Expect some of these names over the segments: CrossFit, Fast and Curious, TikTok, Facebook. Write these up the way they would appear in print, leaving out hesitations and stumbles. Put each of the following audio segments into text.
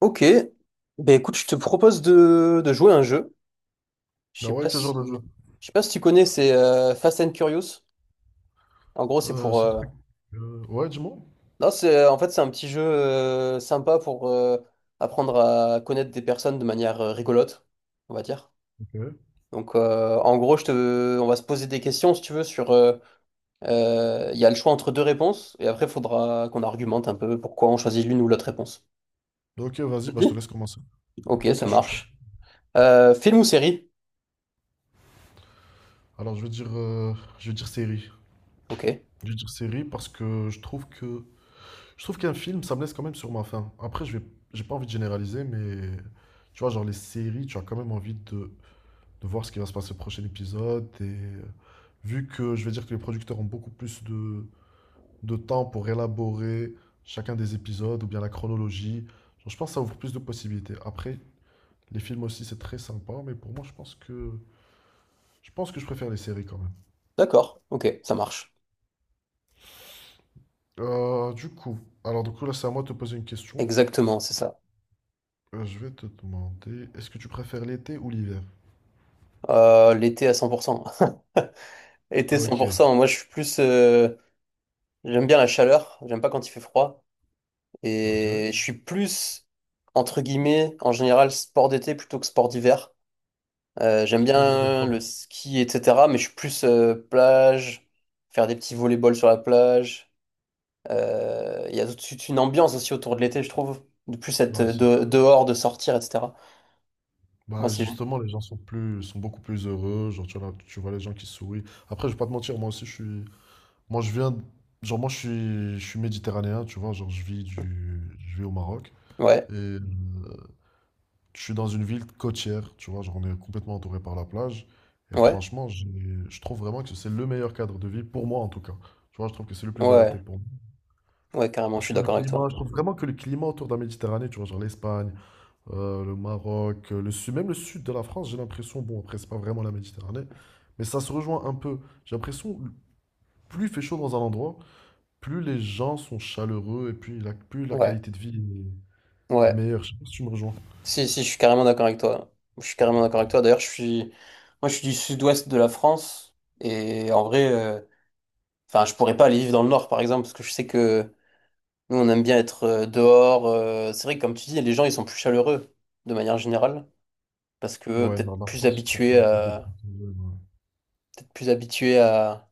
Ok, ben écoute, je te propose de jouer à un jeu. Je Ah sais ouais, pas quel genre si, de jeu? je sais pas si tu connais, c'est Fast and Curious. En gros, c'est pour, C'est le truc. Ouais, Dis-moi. non, c'est en fait c'est un petit jeu sympa pour apprendre à connaître des personnes de manière rigolote, on va dire. Ok. Donc en gros, on va se poser des questions si tu veux sur, il y a le choix entre deux réponses et après il faudra qu'on argumente un peu pourquoi on choisit l'une ou l'autre réponse. Ok, vas-y, Ça bah, te je te dit? laisse commencer. Ok, Ok, je ça suis chaud. marche. Film ou série? Alors, je vais dire série. Ok, Je vais dire série parce que je trouve qu'un film, ça me laisse quand même sur ma faim. Après, j'ai pas envie de généraliser, mais tu vois, genre les séries, tu as quand même envie de voir ce qui va se passer au prochain épisode. Et vu que je vais dire que les producteurs ont beaucoup plus de temps pour élaborer chacun des épisodes ou bien la chronologie, genre, je pense que ça ouvre plus de possibilités. Après, les films aussi, c'est très sympa, mais pour moi, je pense que je préfère les séries quand même. d'accord, ok, ça marche. Euh, du coup, du coup là, c'est à moi de te poser une question. Exactement, c'est ça. Je vais te demander, est-ce que tu préfères l'été ou l'hiver? L'été à 100%. Été Ok, 100%, moi je suis plus... j'aime bien la chaleur, j'aime pas quand il fait froid. ok. Et entre guillemets, en général, sport d'été plutôt que sport d'hiver. J'aime Toutes les deux en bien pas. le ski, etc. Mais je suis plus plage, faire des petits volley-ball sur la plage. Il y a tout de suite une ambiance aussi autour de l'été, je trouve. De plus être Bah c'est sûr. dehors, de sortir, etc. Moi Bah c'est... justement, les gens sont plus, sont beaucoup plus heureux. Genre tu vois, là, tu vois les gens qui sourient. Après, je vais pas te mentir, moi aussi, je suis, moi je viens, de- genre moi je suis méditerranéen, tu vois, je vis au Maroc. Ouais, Et je suis dans une ville côtière, tu vois, genre on est complètement entouré par la plage. Et ouais, franchement, je trouve vraiment que c'est le meilleur cadre de vie, pour moi en tout cas. Tu vois, je trouve que c'est le plus adapté ouais, pour moi. ouais, carrément, je Parce suis que le d'accord avec toi. climat, je trouve vraiment que le climat autour de la Méditerranée, tu vois, genre l'Espagne, le Maroc, le sud, même le sud de la France, j'ai l'impression, bon, après, c'est pas vraiment la Méditerranée, mais ça se rejoint un peu. J'ai l'impression, plus il fait chaud dans un endroit, plus les gens sont chaleureux plus la Ouais. qualité de vie est Ouais. meilleure. Je sais pas si tu me rejoins. Si, si, je suis carrément d'accord avec toi. Je suis carrément d'accord avec toi. Moi, je suis du sud-ouest de la France. Et en vrai, enfin, je pourrais pas aller vivre dans le nord, par exemple, parce que je sais que nous, on aime bien être dehors. C'est vrai que, comme tu dis, les gens, ils sont plus chaleureux, de manière générale, parce que Ouais, dans la France, je trouve ça un peu dépressif. Ouais. peut-être plus habitués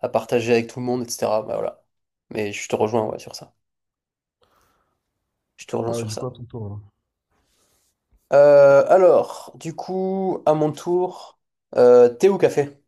à partager avec tout le monde, etc. Bah, voilà. Mais je te rejoins, ouais, sur ça. Je te rejoins Allez, sur du coup, ça. à ton tour, là. Alors, du coup, à mon tour, thé ou café?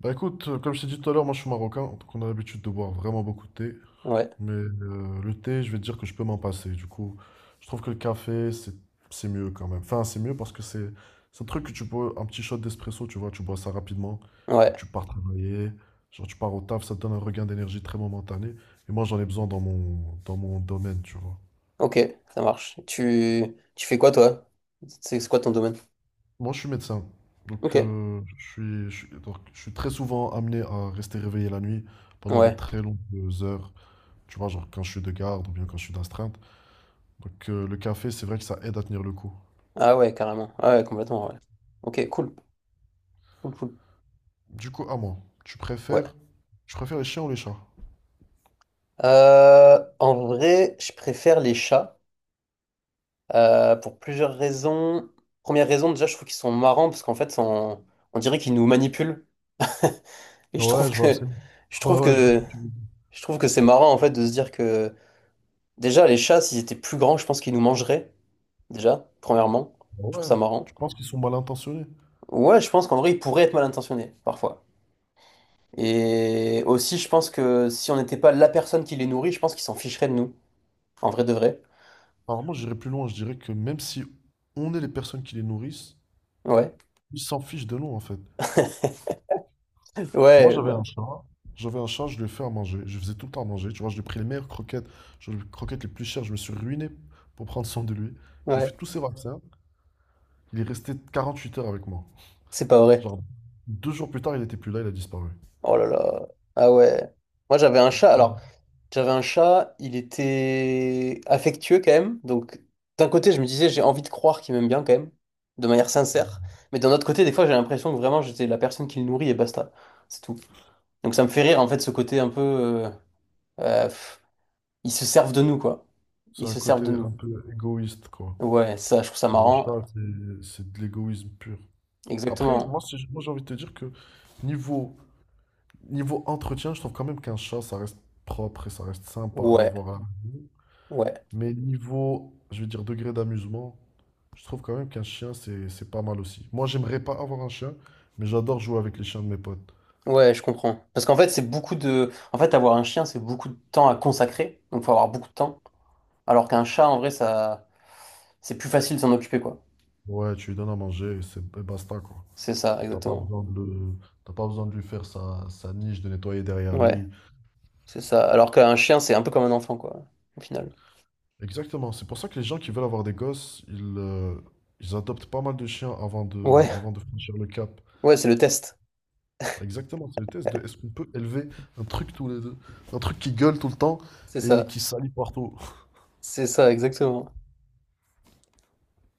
Bah écoute, comme je t'ai dit tout à l'heure, moi je suis marocain, donc on a l'habitude de boire vraiment beaucoup de thé. Ouais, Mais le thé, je vais te dire que je peux m'en passer. Du coup, je trouve que le café, c'est mieux quand même. Enfin, c'est mieux parce que c'est un truc que tu bois, un petit shot d'espresso, tu vois, tu bois ça rapidement et ouais. tu pars travailler. Genre, tu pars au taf, ça te donne un regain d'énergie très momentané. Et moi, j'en ai besoin dans mon domaine, tu vois. Ok, ça marche. Tu fais quoi toi? C'est quoi ton domaine? Moi, je suis médecin. Donc, Ok, je suis très souvent amené à rester réveillé la nuit pendant de ouais. très longues heures. Tu vois, genre quand je suis de garde ou bien quand je suis d'astreinte. Donc, le café, c'est vrai que ça aide à tenir le coup. Ah ouais, carrément. Ah ouais, complètement, ouais. Ok, cool, cool. Du coup, à moi, tu Ouais. préfères, tu préfères les chiens ou les chats? En vrai, je préfère les chats pour plusieurs raisons. Première raison, déjà, je trouve qu'ils sont marrants parce qu'en fait, on dirait qu'ils nous manipulent. Et Ouais, je vois absolument. je Ouais, trouve ouais, je vois ce que, que tu veux dire. je trouve que c'est marrant en fait de se dire que déjà les chats, s'ils étaient plus grands, je pense qu'ils nous mangeraient déjà. Premièrement, je trouve Ouais, ça marrant. tu penses qu'ils sont mal intentionnés? Ouais, je pense qu'en vrai, ils pourraient être mal intentionnés, parfois. Et aussi, je pense que si on n'était pas la personne qui les nourrit, je pense qu'ils s'en ficheraient de nous. En vrai de vrai. Alors, moi, j'irais plus loin. Je dirais que même si on est les personnes qui les nourrissent, Ouais. ils s'en fichent de nous, en fait. Moi, Ouais, j'avais un bah, chat. J'avais un chat, je lui ai fait à manger. Je lui faisais tout le temps à manger. Tu vois, je lui ai pris les meilleures croquettes, je lui ai pris les croquettes les plus chères. Je me suis ruiné pour prendre soin de lui. Je lui ai ouais. fait tous ses vaccins. Il est resté 48 heures avec moi. C'est pas vrai. Genre, 2 jours plus tard, il n'était plus là, il a disparu. Oh là là. Ah ouais. Moi, j'avais un chat. J'avais un chat, il était affectueux quand même. Donc, d'un côté, je me disais, j'ai envie de croire qu'il m'aime bien quand même, de manière sincère. Mais d'un autre côté, des fois, j'ai l'impression que vraiment, j'étais la personne qui le nourrit et basta. C'est tout. Donc, ça me fait rire, en fait, ce côté un peu. Euh, ils se servent de nous, quoi. C'est Ils un se servent côté de un nous. peu égoïste, quoi. Ouais, ça, je trouve ça Dans le marrant. chat, c'est de l'égoïsme pur. Exactement. Moi, j'ai envie de te dire que niveau, niveau entretien, je trouve quand même qu'un chat, ça reste propre et ça reste sympa à Ouais, avoir à la maison. ouais, Mais niveau, je veux dire, degré d'amusement, je trouve quand même qu'un chien, c'est pas mal aussi. Moi, j'aimerais pas avoir un chien, mais j'adore jouer avec les chiens de mes potes. ouais, je comprends. Parce qu'en fait, c'est beaucoup de... En fait, avoir un chien, c'est beaucoup de temps à consacrer. Donc, faut avoir beaucoup de temps. Alors qu'un chat, en vrai, ça... C'est plus facile de s'en occuper, quoi. Ouais, tu lui donnes à manger et c'est et basta, quoi. C'est ça, T'as pas exactement. besoin de le- T'as pas besoin de lui faire sa niche, de nettoyer derrière Ouais, lui. c'est ça. Alors qu'un chien, c'est un peu comme un enfant, quoi, au final. Exactement. C'est pour ça que les gens qui veulent avoir des gosses, ils adoptent pas mal de chiens Ouais, avant de franchir le cap. ouais, c'est le test. Exactement. C'est le test de est-ce qu'on peut élever un truc tous les deux, un truc qui gueule tout le temps C'est et ça. qui salit partout. C'est ça, exactement.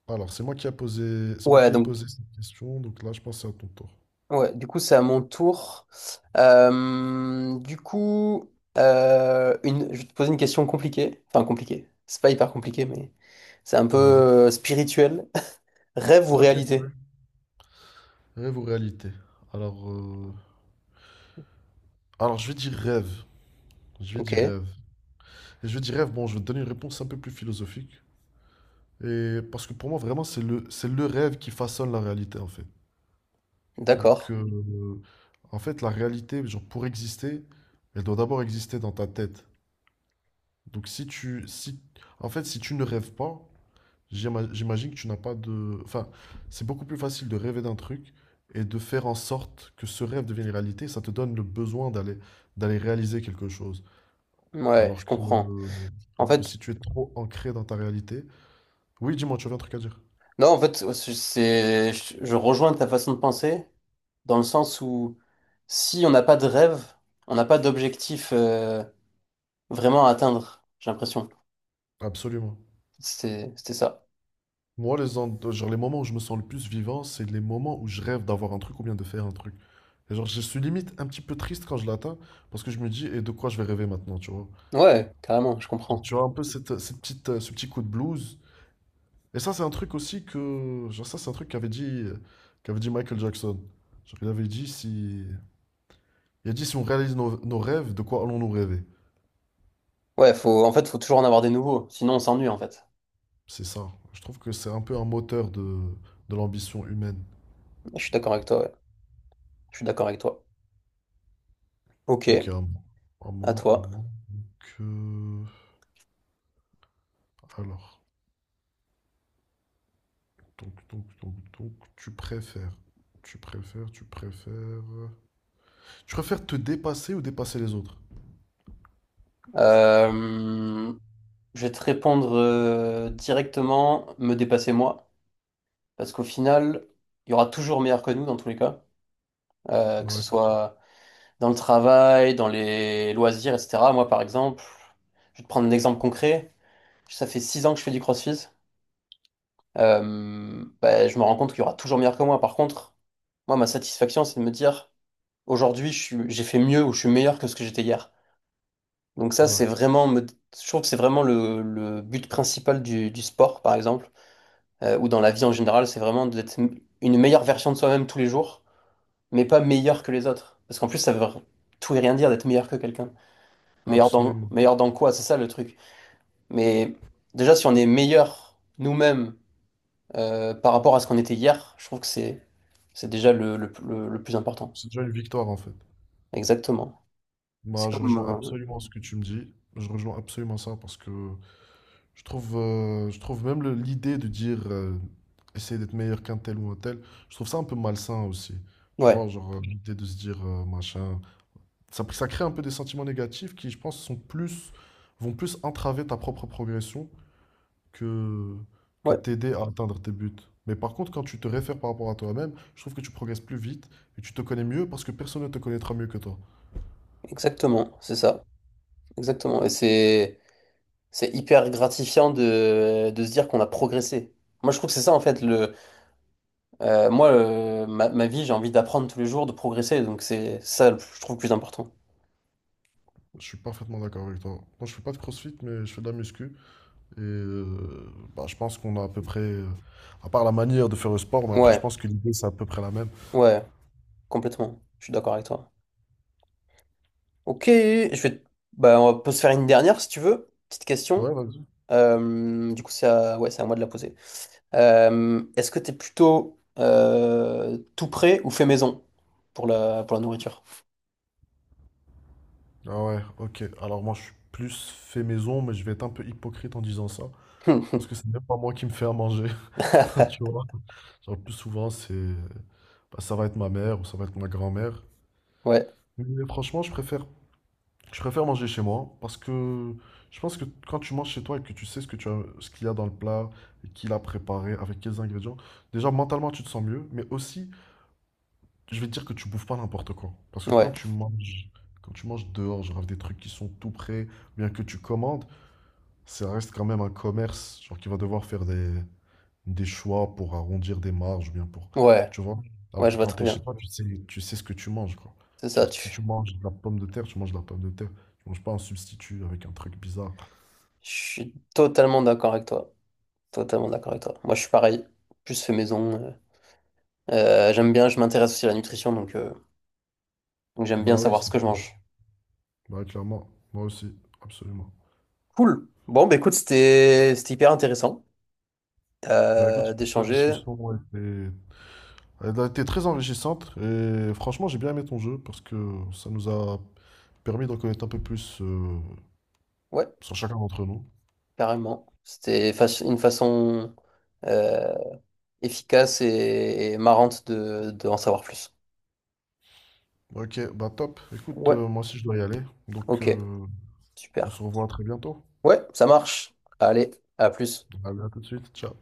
Alors, c'est moi Ouais, qui ai donc... posé cette question, donc là, je pense que c'est à ton tour. Ouais, du coup, c'est à mon tour. Du coup, je vais te poser une question compliquée. Enfin, compliquée. C'est pas hyper compliqué, mais c'est un peu Vas-y. Spirituel. Rêve ou Ok, carré. réalité? Rêve ou réalité? Alors, euh, alors, je vais dire rêve. Je vais Ok, dire rêve. Et je vais dire rêve, bon, je vais te donner une réponse un peu plus philosophique. Et parce que pour moi, vraiment, c'est le rêve qui façonne la réalité, en fait. Donc, d'accord. En fait, la réalité, genre, pour exister, elle doit d'abord exister dans ta tête. Donc, si tu, si, en fait, si tu ne rêves pas, j'imagine que tu n'as pas de... Enfin, c'est beaucoup plus facile de rêver d'un truc et de faire en sorte que ce rêve devienne réalité. Ça te donne le besoin d'aller réaliser quelque chose. Ouais, je Alors que, comprends. En alors que fait, si tu es trop ancré dans ta réalité... Oui, dis-moi, tu avais un truc à dire. non, en fait, ouais, je rejoins ta façon de penser dans le sens où si on n'a pas de rêve, on n'a pas d'objectif vraiment à atteindre, j'ai l'impression. Absolument. C'était ça. Moi, les, en- genre, Les moments où je me sens le plus vivant, c'est les moments où je rêve d'avoir un truc ou bien de faire un truc. Et genre, je suis limite un petit peu triste quand je l'atteins parce que je me dis, et de quoi je vais rêver maintenant, tu vois? Ouais, carrément, je Genre, comprends. tu vois un peu cette petite, ce petit coup de blues. Et ça, c'est un truc aussi que, genre, ça, c'est un truc qu'avait dit Michael Jackson. Genre, il avait dit si. Il a dit si on réalise nos rêves, de quoi allons-nous rêver? Ouais, faut toujours en avoir des nouveaux, sinon on s'ennuie en fait. C'est ça. Je trouve que c'est un peu un moteur de l'ambition humaine. Je suis d'accord avec toi, ouais. Je suis d'accord avec toi. Ok, Ok, à, mo- à à toi. moi que. Alors. Donc, tu préfères. Tu préfères, tu préfères. Tu préfères te dépasser ou dépasser les autres? Euh, je vais te répondre directement, me dépasser moi, parce qu'au final, il y aura toujours meilleur que nous dans tous les cas. Que ce Ouais, soit dans le travail, dans les loisirs, etc. Moi, par exemple, je vais te prendre un exemple concret. Ça fait 6 ans que je fais du CrossFit. Bah, je me rends compte qu'il y aura toujours meilleur que moi. Par contre, moi, ma satisfaction, c'est de me dire: aujourd'hui, j'ai fait mieux ou je suis meilleur que ce que j'étais hier. Donc ça, ouais, je trouve que c'est vraiment le but principal du sport, par exemple, ou dans la vie en général, c'est vraiment d'être une meilleure version de soi-même tous les jours, mais pas meilleur que les autres. Parce qu'en plus, ça veut tout et rien dire d'être meilleur que quelqu'un. Absolument. Meilleur dans quoi? C'est ça le truc. Mais déjà, si on est meilleur nous-mêmes par rapport à ce qu'on était hier, je trouve que c'est déjà le plus important. C'est déjà une victoire en fait. Exactement. C'est Bah, je comme... rejoins absolument ce que tu me dis. Je rejoins absolument ça parce que je trouve même l'idée de dire essayer d'être meilleur qu'un tel ou un tel, je trouve ça un peu malsain aussi. Tu ouais. vois, genre l'idée de se dire machin, ça crée un peu des sentiments négatifs qui, je pense, vont plus entraver ta propre progression que, que Ouais. t'aider à atteindre tes buts. Mais par contre, quand tu te réfères par rapport à toi-même, je trouve que tu progresses plus vite et tu te connais mieux parce que personne ne te connaîtra mieux que toi. Exactement, c'est ça. Exactement. Et c'est hyper gratifiant de se dire qu'on a progressé. Moi, je trouve que c'est ça, en fait, ma vie, j'ai envie d'apprendre tous les jours, de progresser. Donc, c'est ça, je trouve, le plus important. Je suis parfaitement d'accord avec toi. Moi, je fais pas de crossfit, mais je fais de la muscu. Et bah, je pense qu'on a à peu près, à part la manière de faire le sport, mais après, je Ouais, pense que l'idée, c'est à peu près la même. ouais, complètement. Je suis d'accord avec toi. Ok, bah, on peut se faire une dernière, si tu veux. Petite question. Ouais, vas-y. Du coup, c'est à moi de la poser. Est-ce que t'es plutôt tout prêt ou fait maison pour pour la nourriture? Ah ouais, ok. Alors, moi, je suis plus fait maison, mais je vais être un peu hypocrite en disant ça. Parce que c'est même pas moi qui me fais à manger, tu vois. Genre, le plus souvent, bah, ça va être ma mère ou ça va être ma grand-mère. Ouais. Mais franchement, je préfère manger chez moi parce que je pense que quand tu manges chez toi et que tu sais ce que tu as, ce qu'il y a dans le plat, et qui l'a préparé, avec quels ingrédients, déjà mentalement tu te sens mieux, mais aussi je vais te dire que tu bouffes pas n'importe quoi. Parce que Ouais, quand tu manges dehors, genre avec des trucs qui sont tout prêts, bien que tu commandes, ça reste quand même un commerce, genre qui va devoir faire des choix pour arrondir des marges ou bien pour, ouais, tu vois. Alors ouais, que je vois quand très t'es chez bien. toi, tu sais ce que tu manges, quoi. C'est ça, Genre, tu. si tu manges de la pomme de terre, tu manges de la pomme de terre. Tu manges pas un substitut avec un truc bizarre. Je suis totalement d'accord avec toi. Totalement d'accord avec toi. Moi, je suis pareil. Plus fait maison. J'aime bien, je m'intéresse aussi à la nutrition, donc j'aime bien Bah oui, savoir ce c'est- que je mange. Bah oui, clairement, moi aussi, absolument. Cool. Bon, bah écoute, c'était hyper intéressant Bah écoute, la d'échanger. discussion a été, elle a été très enrichissante et franchement, j'ai bien aimé ton jeu parce que ça nous a permis d'en connaître un peu plus Ouais, sur chacun d'entre nous. carrément. C'était une façon euh, efficace et marrante de en savoir plus. Ok, bah top. Écoute, Ouais, moi aussi je dois y aller, donc ok, on super. se revoit très bientôt. Ouais, ça marche. Allez, à plus. À tout de suite. Ciao.